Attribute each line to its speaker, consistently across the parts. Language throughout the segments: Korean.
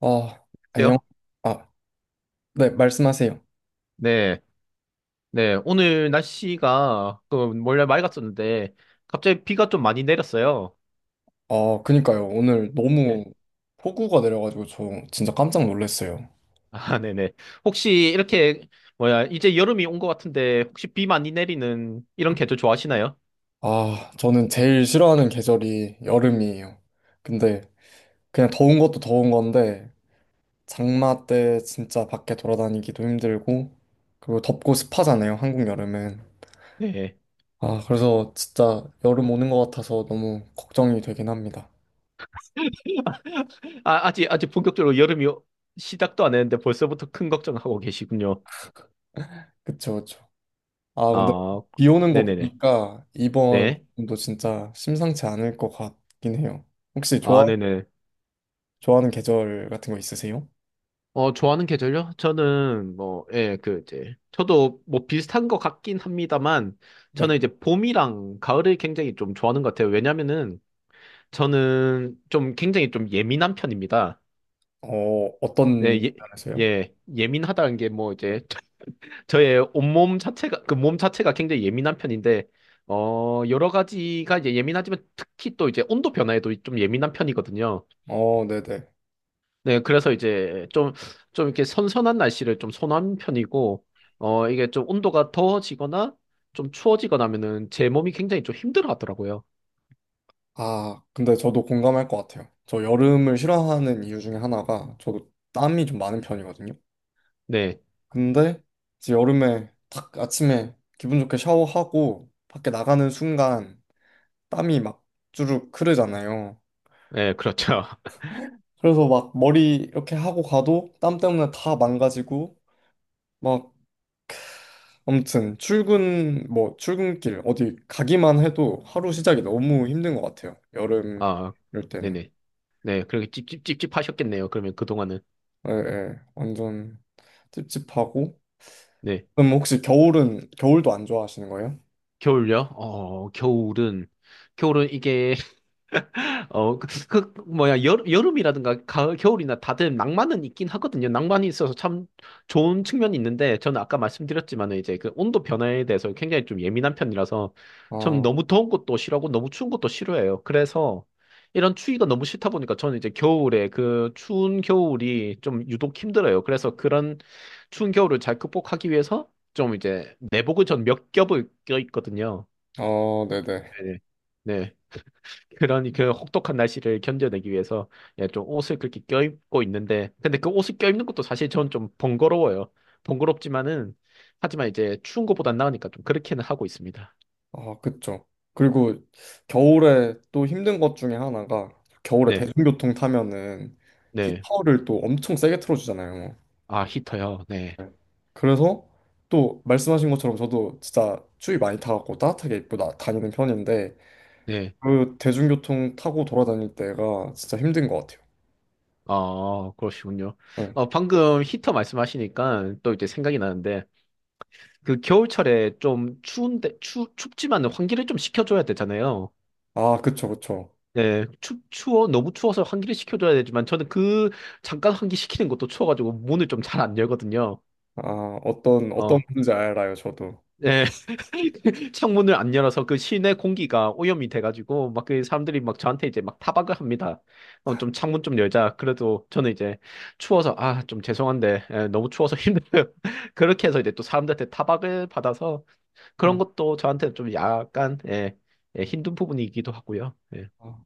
Speaker 1: 아, 안녕.
Speaker 2: 그래요?
Speaker 1: 아, 네, 말씀하세요.
Speaker 2: 네, 네. 오늘 날씨가 그 원래 맑았었는데 갑자기 비가 좀 많이 내렸어요.
Speaker 1: 아, 그니까요. 오늘
Speaker 2: 예.
Speaker 1: 너무 폭우가 내려가지고 저 진짜 깜짝 놀랐어요.
Speaker 2: 아, 네네. 혹시 이렇게 뭐야 이제 여름이 온 것 같은데 혹시 비 많이 내리는 이런 계절 좋아하시나요?
Speaker 1: 아, 저는 제일 싫어하는 계절이 여름이에요. 근데 그냥 더운 것도 더운 건데, 장마 때 진짜 밖에 돌아다니기도 힘들고, 그리고 덥고 습하잖아요, 한국 여름은.
Speaker 2: 네.
Speaker 1: 아, 그래서 진짜 여름 오는 것 같아서 너무 걱정이 되긴 합니다.
Speaker 2: 아, 아직 아직 본격적으로 여름이 시작도 안 했는데 벌써부터 큰 걱정하고 계시군요.
Speaker 1: 그쵸, 그쵸. 아, 근데
Speaker 2: 아,
Speaker 1: 비 오는 거
Speaker 2: 네네네.
Speaker 1: 보니까 이번
Speaker 2: 네.
Speaker 1: 도 진짜 심상치 않을 것 같긴 해요. 혹시 좋아,
Speaker 2: 아, 네네.
Speaker 1: 좋아하는 계절 같은 거 있으세요?
Speaker 2: 어, 좋아하는 계절요? 저는 뭐, 예, 그 이제 저도 뭐 비슷한 것 같긴 합니다만
Speaker 1: 네.
Speaker 2: 저는 이제 봄이랑 가을을 굉장히 좀 좋아하는 것 같아요. 왜냐면은 저는 좀 굉장히 좀 예민한 편입니다.
Speaker 1: 어, 어떤
Speaker 2: 네, 예,
Speaker 1: 면에서요?
Speaker 2: 예, 예민하다는 게 뭐 이제 저의 온몸 자체가 그 몸 자체가 굉장히 예민한 편인데 어, 여러 가지가 이제 예민하지만 특히 또 이제 온도 변화에도 좀 예민한 편이거든요.
Speaker 1: 어, 네네.
Speaker 2: 네, 그래서 이제 좀, 이렇게 선선한 날씨를 좀 선호하는 편이고, 어, 이게 좀 온도가 더워지거나 좀 추워지거나 하면은 제 몸이 굉장히 좀 힘들어 하더라고요.
Speaker 1: 아, 근데 저도 공감할 것 같아요. 저 여름을 싫어하는 이유 중에 하나가 저도 땀이 좀 많은 편이거든요.
Speaker 2: 네,
Speaker 1: 근데 이제 여름에 딱 아침에 기분 좋게 샤워하고 밖에 나가는 순간 땀이 막 주르륵 흐르잖아요.
Speaker 2: 네, 그렇죠.
Speaker 1: 그래서 막 머리 이렇게 하고 가도 땀 때문에 다 망가지고 막 아무튼 출근 뭐 출근길 어디 가기만 해도 하루 시작이 너무 힘든 것 같아요. 여름
Speaker 2: 아,
Speaker 1: 이럴 때는.
Speaker 2: 네네. 네, 그렇게 찝찝찝찝 하셨겠네요. 그러면 그동안은.
Speaker 1: 예, 예. 완전 찝찝하고.
Speaker 2: 네.
Speaker 1: 그럼 혹시 겨울은 겨울도 안 좋아하시는 거예요?
Speaker 2: 겨울요? 어, 겨울은, 이게 어, 그, 뭐야, 여름이라든가 가을, 겨울이나 다들 낭만은 있긴 하거든요. 낭만이 있어서 참 좋은 측면이 있는데, 저는 아까 말씀드렸지만 이제 그 온도 변화에 대해서 굉장히 좀 예민한 편이라서, 참
Speaker 1: 아,
Speaker 2: 너무 더운 것도 싫어하고 너무 추운 것도 싫어해요. 그래서 이런 추위가 너무 싫다 보니까 저는 이제 겨울에 그 추운 겨울이 좀 유독 힘들어요. 그래서 그런 추운 겨울을 잘 극복하기 위해서 좀 이제 내복을 전 몇 겹을 껴 있거든요.
Speaker 1: 어, 네네.
Speaker 2: 네네. 네. 그런 그 혹독한 날씨를 견뎌내기 위해서 예, 좀 옷을 그렇게 껴입고 있는데 근데 그 옷을 껴입는 것도 사실 전 좀 번거로워요. 번거롭지만은 하지만 이제 추운 것보단 나으니까 좀 그렇게는 하고 있습니다.
Speaker 1: 아, 그쵸. 그리고 겨울에 또 힘든 것 중에 하나가 겨울에
Speaker 2: 네,
Speaker 1: 대중교통 타면은
Speaker 2: 네.
Speaker 1: 히터를 또 엄청 세게 틀어주잖아요.
Speaker 2: 아, 히터요. 네,
Speaker 1: 네. 그래서 또 말씀하신 것처럼 저도 진짜 추위 많이 타갖고 따뜻하게 입고 나, 다니는 편인데
Speaker 2: 네.
Speaker 1: 그 대중교통 타고 돌아다닐 때가 진짜 힘든 것 같아요.
Speaker 2: 아, 그러시군요.
Speaker 1: 네.
Speaker 2: 어, 방금 히터 말씀하시니까 또 이제 생각이 나는데 그 겨울철에 좀 추운데 추 춥지만 환기를 좀 시켜줘야 되잖아요.
Speaker 1: 아 그쵸 그쵸.
Speaker 2: 네, 너무 추워서 환기를 시켜줘야 되지만, 저는 그, 잠깐 환기 시키는 것도 추워가지고, 문을 좀 잘 안 열거든요.
Speaker 1: 아 어떤
Speaker 2: 어,
Speaker 1: 건지 알아요 저도.
Speaker 2: 네. 창문을 안 열어서 그 실내 공기가 오염이 돼가지고, 막 그 사람들이 막 저한테 이제 막 타박을 합니다. 어, 좀 창문 좀 열자. 그래도 저는 이제 추워서, 아, 좀 죄송한데, 예, 너무 추워서 힘들어요. 그렇게 해서 이제 또 사람들한테 타박을 받아서,
Speaker 1: 네.
Speaker 2: 그런
Speaker 1: 아,
Speaker 2: 것도 저한테 좀 약간, 예, 예, 힘든 부분이기도 하고요. 예,
Speaker 1: 아.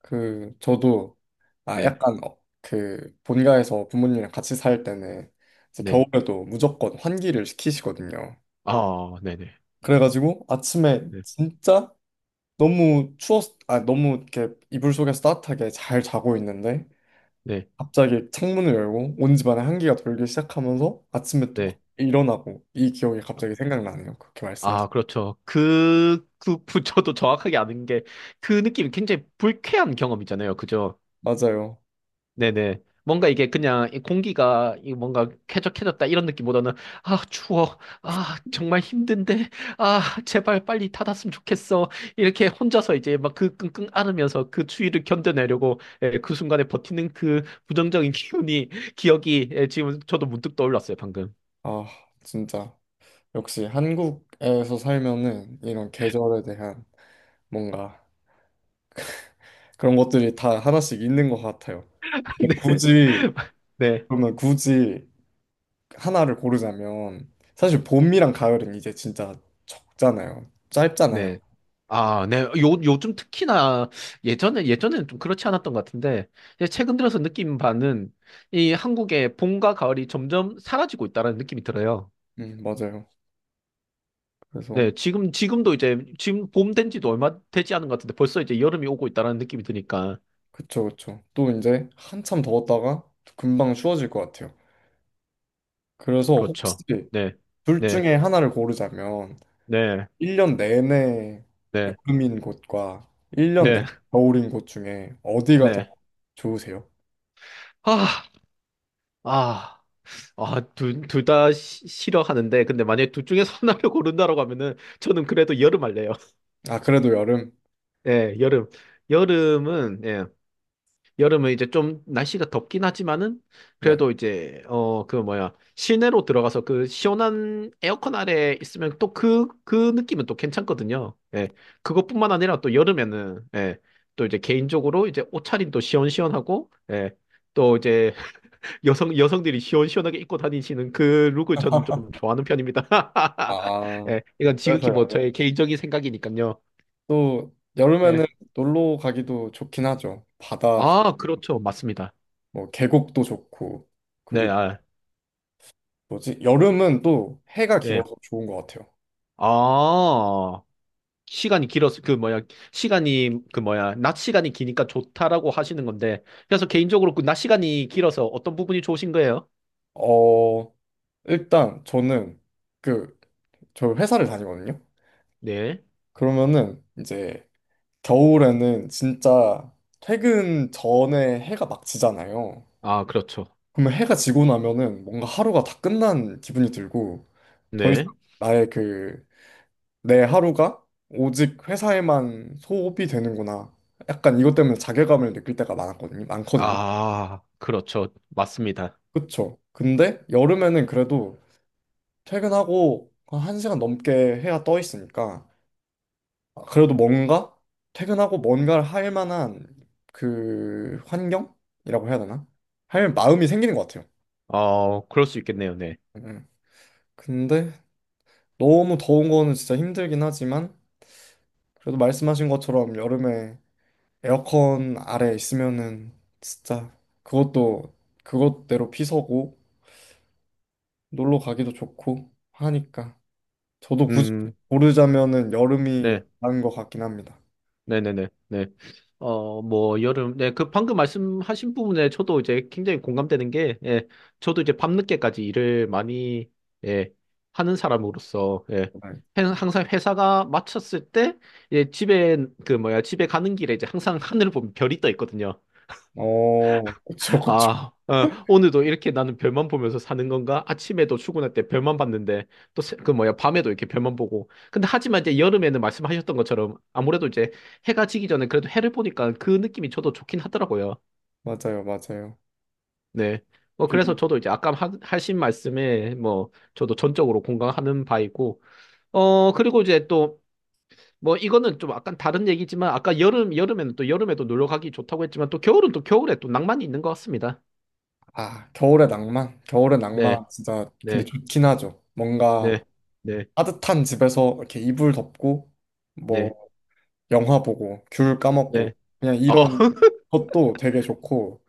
Speaker 1: 그 저도 아
Speaker 2: 네,
Speaker 1: 약간 어, 그 본가에서 부모님이랑 같이 살 때는 이제
Speaker 2: 네.
Speaker 1: 겨울에도 무조건 환기를 시키시거든요.
Speaker 2: 아, 네 네.
Speaker 1: 그래가지고 아침에
Speaker 2: 네.
Speaker 1: 진짜 너무 추웠, 아, 너무 이렇게 이불 속에서 따뜻하게 잘 자고 있는데
Speaker 2: 네.
Speaker 1: 갑자기 창문을 열고 온 집안에 한기가 돌기 시작하면서 아침에 또 막
Speaker 2: 네.
Speaker 1: 일어나고 이 기억이 갑자기 생각나네요. 그렇게 말씀하셨.
Speaker 2: 아, 그렇죠. 저도 정확하게 아는 게, 그 느낌이 굉장히 불쾌한 경험이잖아요. 그죠?
Speaker 1: 맞아요.
Speaker 2: 네네. 뭔가 이게 그냥 이 공기가 이 뭔가 쾌적해졌다 이런 느낌보다는, 아, 추워. 아, 정말 힘든데. 아, 제발 빨리 닫았으면 좋겠어. 이렇게 혼자서 이제 막 그 끙끙 앓으면서 그 추위를 견뎌내려고 예, 그 순간에 버티는 그 부정적인 기운이, 기억이, 예, 지금 저도 문득 떠올랐어요, 방금.
Speaker 1: 아, 진짜 역시 한국에서 살면은 이런 계절에 대한 뭔가 그런 것들이 다 하나씩 있는 것 같아요. 근데
Speaker 2: 네.
Speaker 1: 굳이
Speaker 2: 네.
Speaker 1: 그러면 굳이 하나를 고르자면 사실 봄이랑 가을은 이제 진짜 적잖아요. 짧잖아요.
Speaker 2: 네. 아, 네. 요, 요즘 특히나 예전에는 좀 그렇지 않았던 것 같은데, 이제 최근 들어서 느낀 바는 이 한국의 봄과 가을이 점점 사라지고 있다는 느낌이 들어요.
Speaker 1: 맞아요. 그래서
Speaker 2: 네. 지금, 지금도 이제, 지금 봄된 지도 얼마 되지 않은 것 같은데 벌써 이제 여름이 오고 있다는 느낌이 드니까.
Speaker 1: 그쵸 그쵸. 또 이제 한참 더웠다가 금방 추워질 것 같아요. 그래서 혹시
Speaker 2: 그렇죠. 네.
Speaker 1: 둘
Speaker 2: 네.
Speaker 1: 중에 하나를 고르자면
Speaker 2: 네.
Speaker 1: 1년 내내
Speaker 2: 네.
Speaker 1: 여름인 곳과 1년 내내
Speaker 2: 네.
Speaker 1: 겨울인 곳 중에 어디가 더
Speaker 2: 네.
Speaker 1: 좋으세요?
Speaker 2: 아, 아. 아, 둘 다 싫어하는데, 근데 만약에 둘 중에서 하나를 고른다라고 하면은, 저는 그래도 여름 할래요.
Speaker 1: 아 그래도 여름?
Speaker 2: 예, 여름. 여름은, 예, 여름은 이제 좀 날씨가 덥긴 하지만은,
Speaker 1: 네.
Speaker 2: 그래도 이제, 어, 그 뭐야, 실내로 들어가서 그 시원한 에어컨 아래 있으면 또 그, 그 느낌은 또 괜찮거든요. 예, 그것뿐만 아니라 또 여름에는, 예, 또 이제 개인적으로 이제 옷차림도 시원시원하고, 예, 또 이제 여성들이 시원시원하게 입고 다니시는 그 룩을 저는 좀 좋아하는 편입니다.
Speaker 1: 아
Speaker 2: 예, 이건
Speaker 1: 그래서
Speaker 2: 지극히 뭐
Speaker 1: 여름.
Speaker 2: 저의 개인적인 생각이니까요.
Speaker 1: 또 여름에는
Speaker 2: 예.
Speaker 1: 놀러 가기도 좋긴 하죠. 바다
Speaker 2: 아, 그렇죠. 맞습니다.
Speaker 1: 뭐 계곡도 좋고
Speaker 2: 네,
Speaker 1: 그리고
Speaker 2: 아,
Speaker 1: 뭐지? 여름은 또 해가
Speaker 2: 예.
Speaker 1: 길어서 좋은 것 같아요.
Speaker 2: 아, 시간이 길어서, 그, 뭐야, 시간이, 그, 뭐야, 낮 시간이 기니까 좋다라고 하시는 건데, 그래서 개인적으로 그 낮 시간이 길어서 어떤 부분이 좋으신 거예요?
Speaker 1: 어 일단 저는 그 저 회사를 다니거든요.
Speaker 2: 네.
Speaker 1: 그러면은 이제 겨울에는 진짜 퇴근 전에 해가 막 지잖아요.
Speaker 2: 아, 그렇죠.
Speaker 1: 그러면 해가 지고 나면은 뭔가 하루가 다 끝난 기분이 들고 더 이상
Speaker 2: 네.
Speaker 1: 나의 그 내 하루가 오직 회사에만 소비되는구나. 약간 이것 때문에 자괴감을 느낄 때가 많았거든요. 많거든요.
Speaker 2: 아, 그렇죠. 맞습니다.
Speaker 1: 그쵸. 근데 여름에는 그래도 퇴근하고 한 1시간 넘게 해야 떠 있으니까 아, 그래도 뭔가 퇴근하고 뭔가를 할 만한 그 환경이라고 해야 되나? 할 마음이 생기는 것 같아요.
Speaker 2: 어, 그럴 수 있겠네요. 네.
Speaker 1: 음. 음. 근데 너무 더운 거는 진짜 힘들긴 하지만 그래도 말씀하신 것처럼 여름에 에어컨 아래 있으면은 진짜 그것도 그것대로 피서고 놀러 가기도 좋고 하니까 저도 굳이
Speaker 2: 음,
Speaker 1: 고르자면은 여름이
Speaker 2: 네.
Speaker 1: 나은 것 같긴 합니다.
Speaker 2: 네네네. 네. 어, 뭐, 여름, 네, 그 방금 말씀하신 부분에 저도 이제 굉장히 공감되는 게, 예, 저도 이제 밤늦게까지 일을 많이, 예, 하는 사람으로서, 예,
Speaker 1: 네.
Speaker 2: 항상 회사가 마쳤을 때, 예, 집에, 그 뭐야, 집에 가는 길에 이제 항상 하늘을 보면 별이 떠 있거든요.
Speaker 1: 어, 그쵸, 그쵸.
Speaker 2: 아, 어, 오늘도 이렇게 나는 별만 보면서 사는 건가? 아침에도 출근할 때 별만 봤는데, 또, 그 뭐야, 밤에도 이렇게 별만 보고. 근데 하지만 이제 여름에는 말씀하셨던 것처럼 아무래도 이제 해가 지기 전에 그래도 해를 보니까 그 느낌이 저도 좋긴 하더라고요.
Speaker 1: 맞아요, 맞아요.
Speaker 2: 네. 뭐, 그래서
Speaker 1: 그리고
Speaker 2: 저도 이제 아까 하, 하신 말씀에 뭐, 저도 전적으로 공감하는 바이고, 어, 그리고 이제 또, 뭐, 이거는 좀 약간 다른 얘기지만, 아까 여름, 여름에는 또 여름에도 놀러 가기 좋다고 했지만, 또 겨울은 또 겨울에 또 낭만이 있는 것 같습니다.
Speaker 1: 아, 겨울의 낭만. 겨울의
Speaker 2: 네,
Speaker 1: 낭만 진짜 근데
Speaker 2: 네,
Speaker 1: 좋긴 하죠. 뭔가
Speaker 2: 네. 네.
Speaker 1: 따뜻한 집에서 이렇게 이불 덮고 뭐
Speaker 2: 네,
Speaker 1: 영화 보고 귤
Speaker 2: 네.
Speaker 1: 까먹고 그냥
Speaker 2: 어,
Speaker 1: 이런 것도 되게 좋고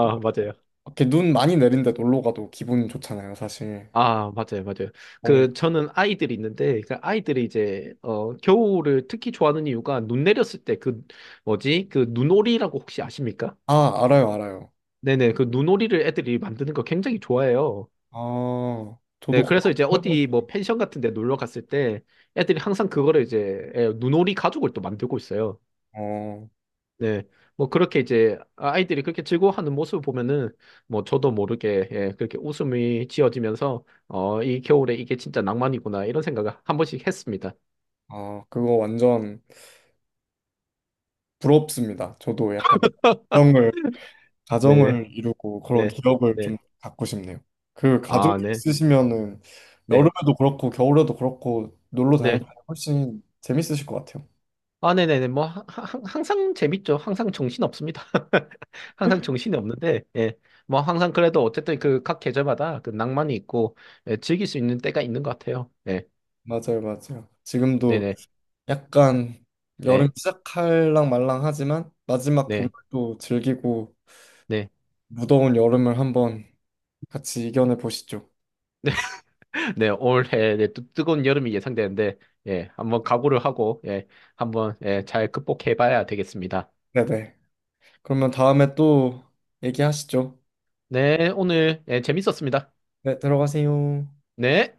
Speaker 1: 또
Speaker 2: 맞아요.
Speaker 1: 이렇게 눈 많이 내린데 놀러 가도 기분 좋잖아요, 사실.
Speaker 2: 아, 맞아요, 맞아요.
Speaker 1: 뭔-
Speaker 2: 그, 저는 아이들이 있는데, 그 아이들이 이제, 어, 겨울을 특히 좋아하는 이유가 눈 내렸을 때 그, 뭐지? 그 눈오리라고 혹시 아십니까?
Speaker 1: 아, 알아요, 알아요.
Speaker 2: 네네, 그 눈오리를 애들이 만드는 거 굉장히 좋아해요.
Speaker 1: 아,
Speaker 2: 네,
Speaker 1: 저도 그거
Speaker 2: 그래서 이제
Speaker 1: 한번 해보고
Speaker 2: 어디 뭐
Speaker 1: 싶어요.
Speaker 2: 펜션 같은 데 놀러 갔을 때 애들이 항상 그거를 이제, 예, 눈오리 가죽을 또 만들고 있어요.
Speaker 1: 어,
Speaker 2: 네. 뭐 그렇게 이제 아이들이 그렇게 즐거워하는 모습을 보면은 뭐 저도 모르게 예, 그렇게 웃음이 지어지면서 어, 이 겨울에 이게 진짜 낭만이구나 이런 생각을 한 번씩 했습니다.
Speaker 1: 아, 그거 완전 부럽습니다. 저도 약간 그런 걸
Speaker 2: 네네.
Speaker 1: 가정을 이루고 그런
Speaker 2: 네.
Speaker 1: 기억을
Speaker 2: 네.
Speaker 1: 좀 갖고 싶네요. 그 가족이
Speaker 2: 아, 네.
Speaker 1: 있으시면은
Speaker 2: 네.
Speaker 1: 여름에도 그렇고 겨울에도 그렇고 놀러 다닐 때
Speaker 2: 네.
Speaker 1: 훨씬 재밌으실 것 같아요.
Speaker 2: 아, 네네네. 뭐, 항상 재밌죠. 항상 정신 없습니다. 항상 정신이 없는데, 예. 뭐, 항상 그래도 어쨌든 그 각 계절마다 그 낭만이 있고, 예, 즐길 수 있는 때가 있는 것 같아요. 네.
Speaker 1: 맞아요, 맞아요. 지금도
Speaker 2: 네네.
Speaker 1: 약간 여름
Speaker 2: 네.
Speaker 1: 시작할랑 말랑 하지만 마지막 봄을
Speaker 2: 네.
Speaker 1: 또 즐기고
Speaker 2: 네.
Speaker 1: 무더운 여름을 한번 같이 이겨내 보시죠.
Speaker 2: 네, 올해 네, 또 뜨거운 여름이 예상되는데, 예, 한번 각오를 하고, 예, 한번, 예, 잘 극복해 봐야 되겠습니다.
Speaker 1: 네네. 그러면 다음에 또 얘기하시죠.
Speaker 2: 네, 오늘, 예, 재밌었습니다.
Speaker 1: 네, 들어가세요.
Speaker 2: 네.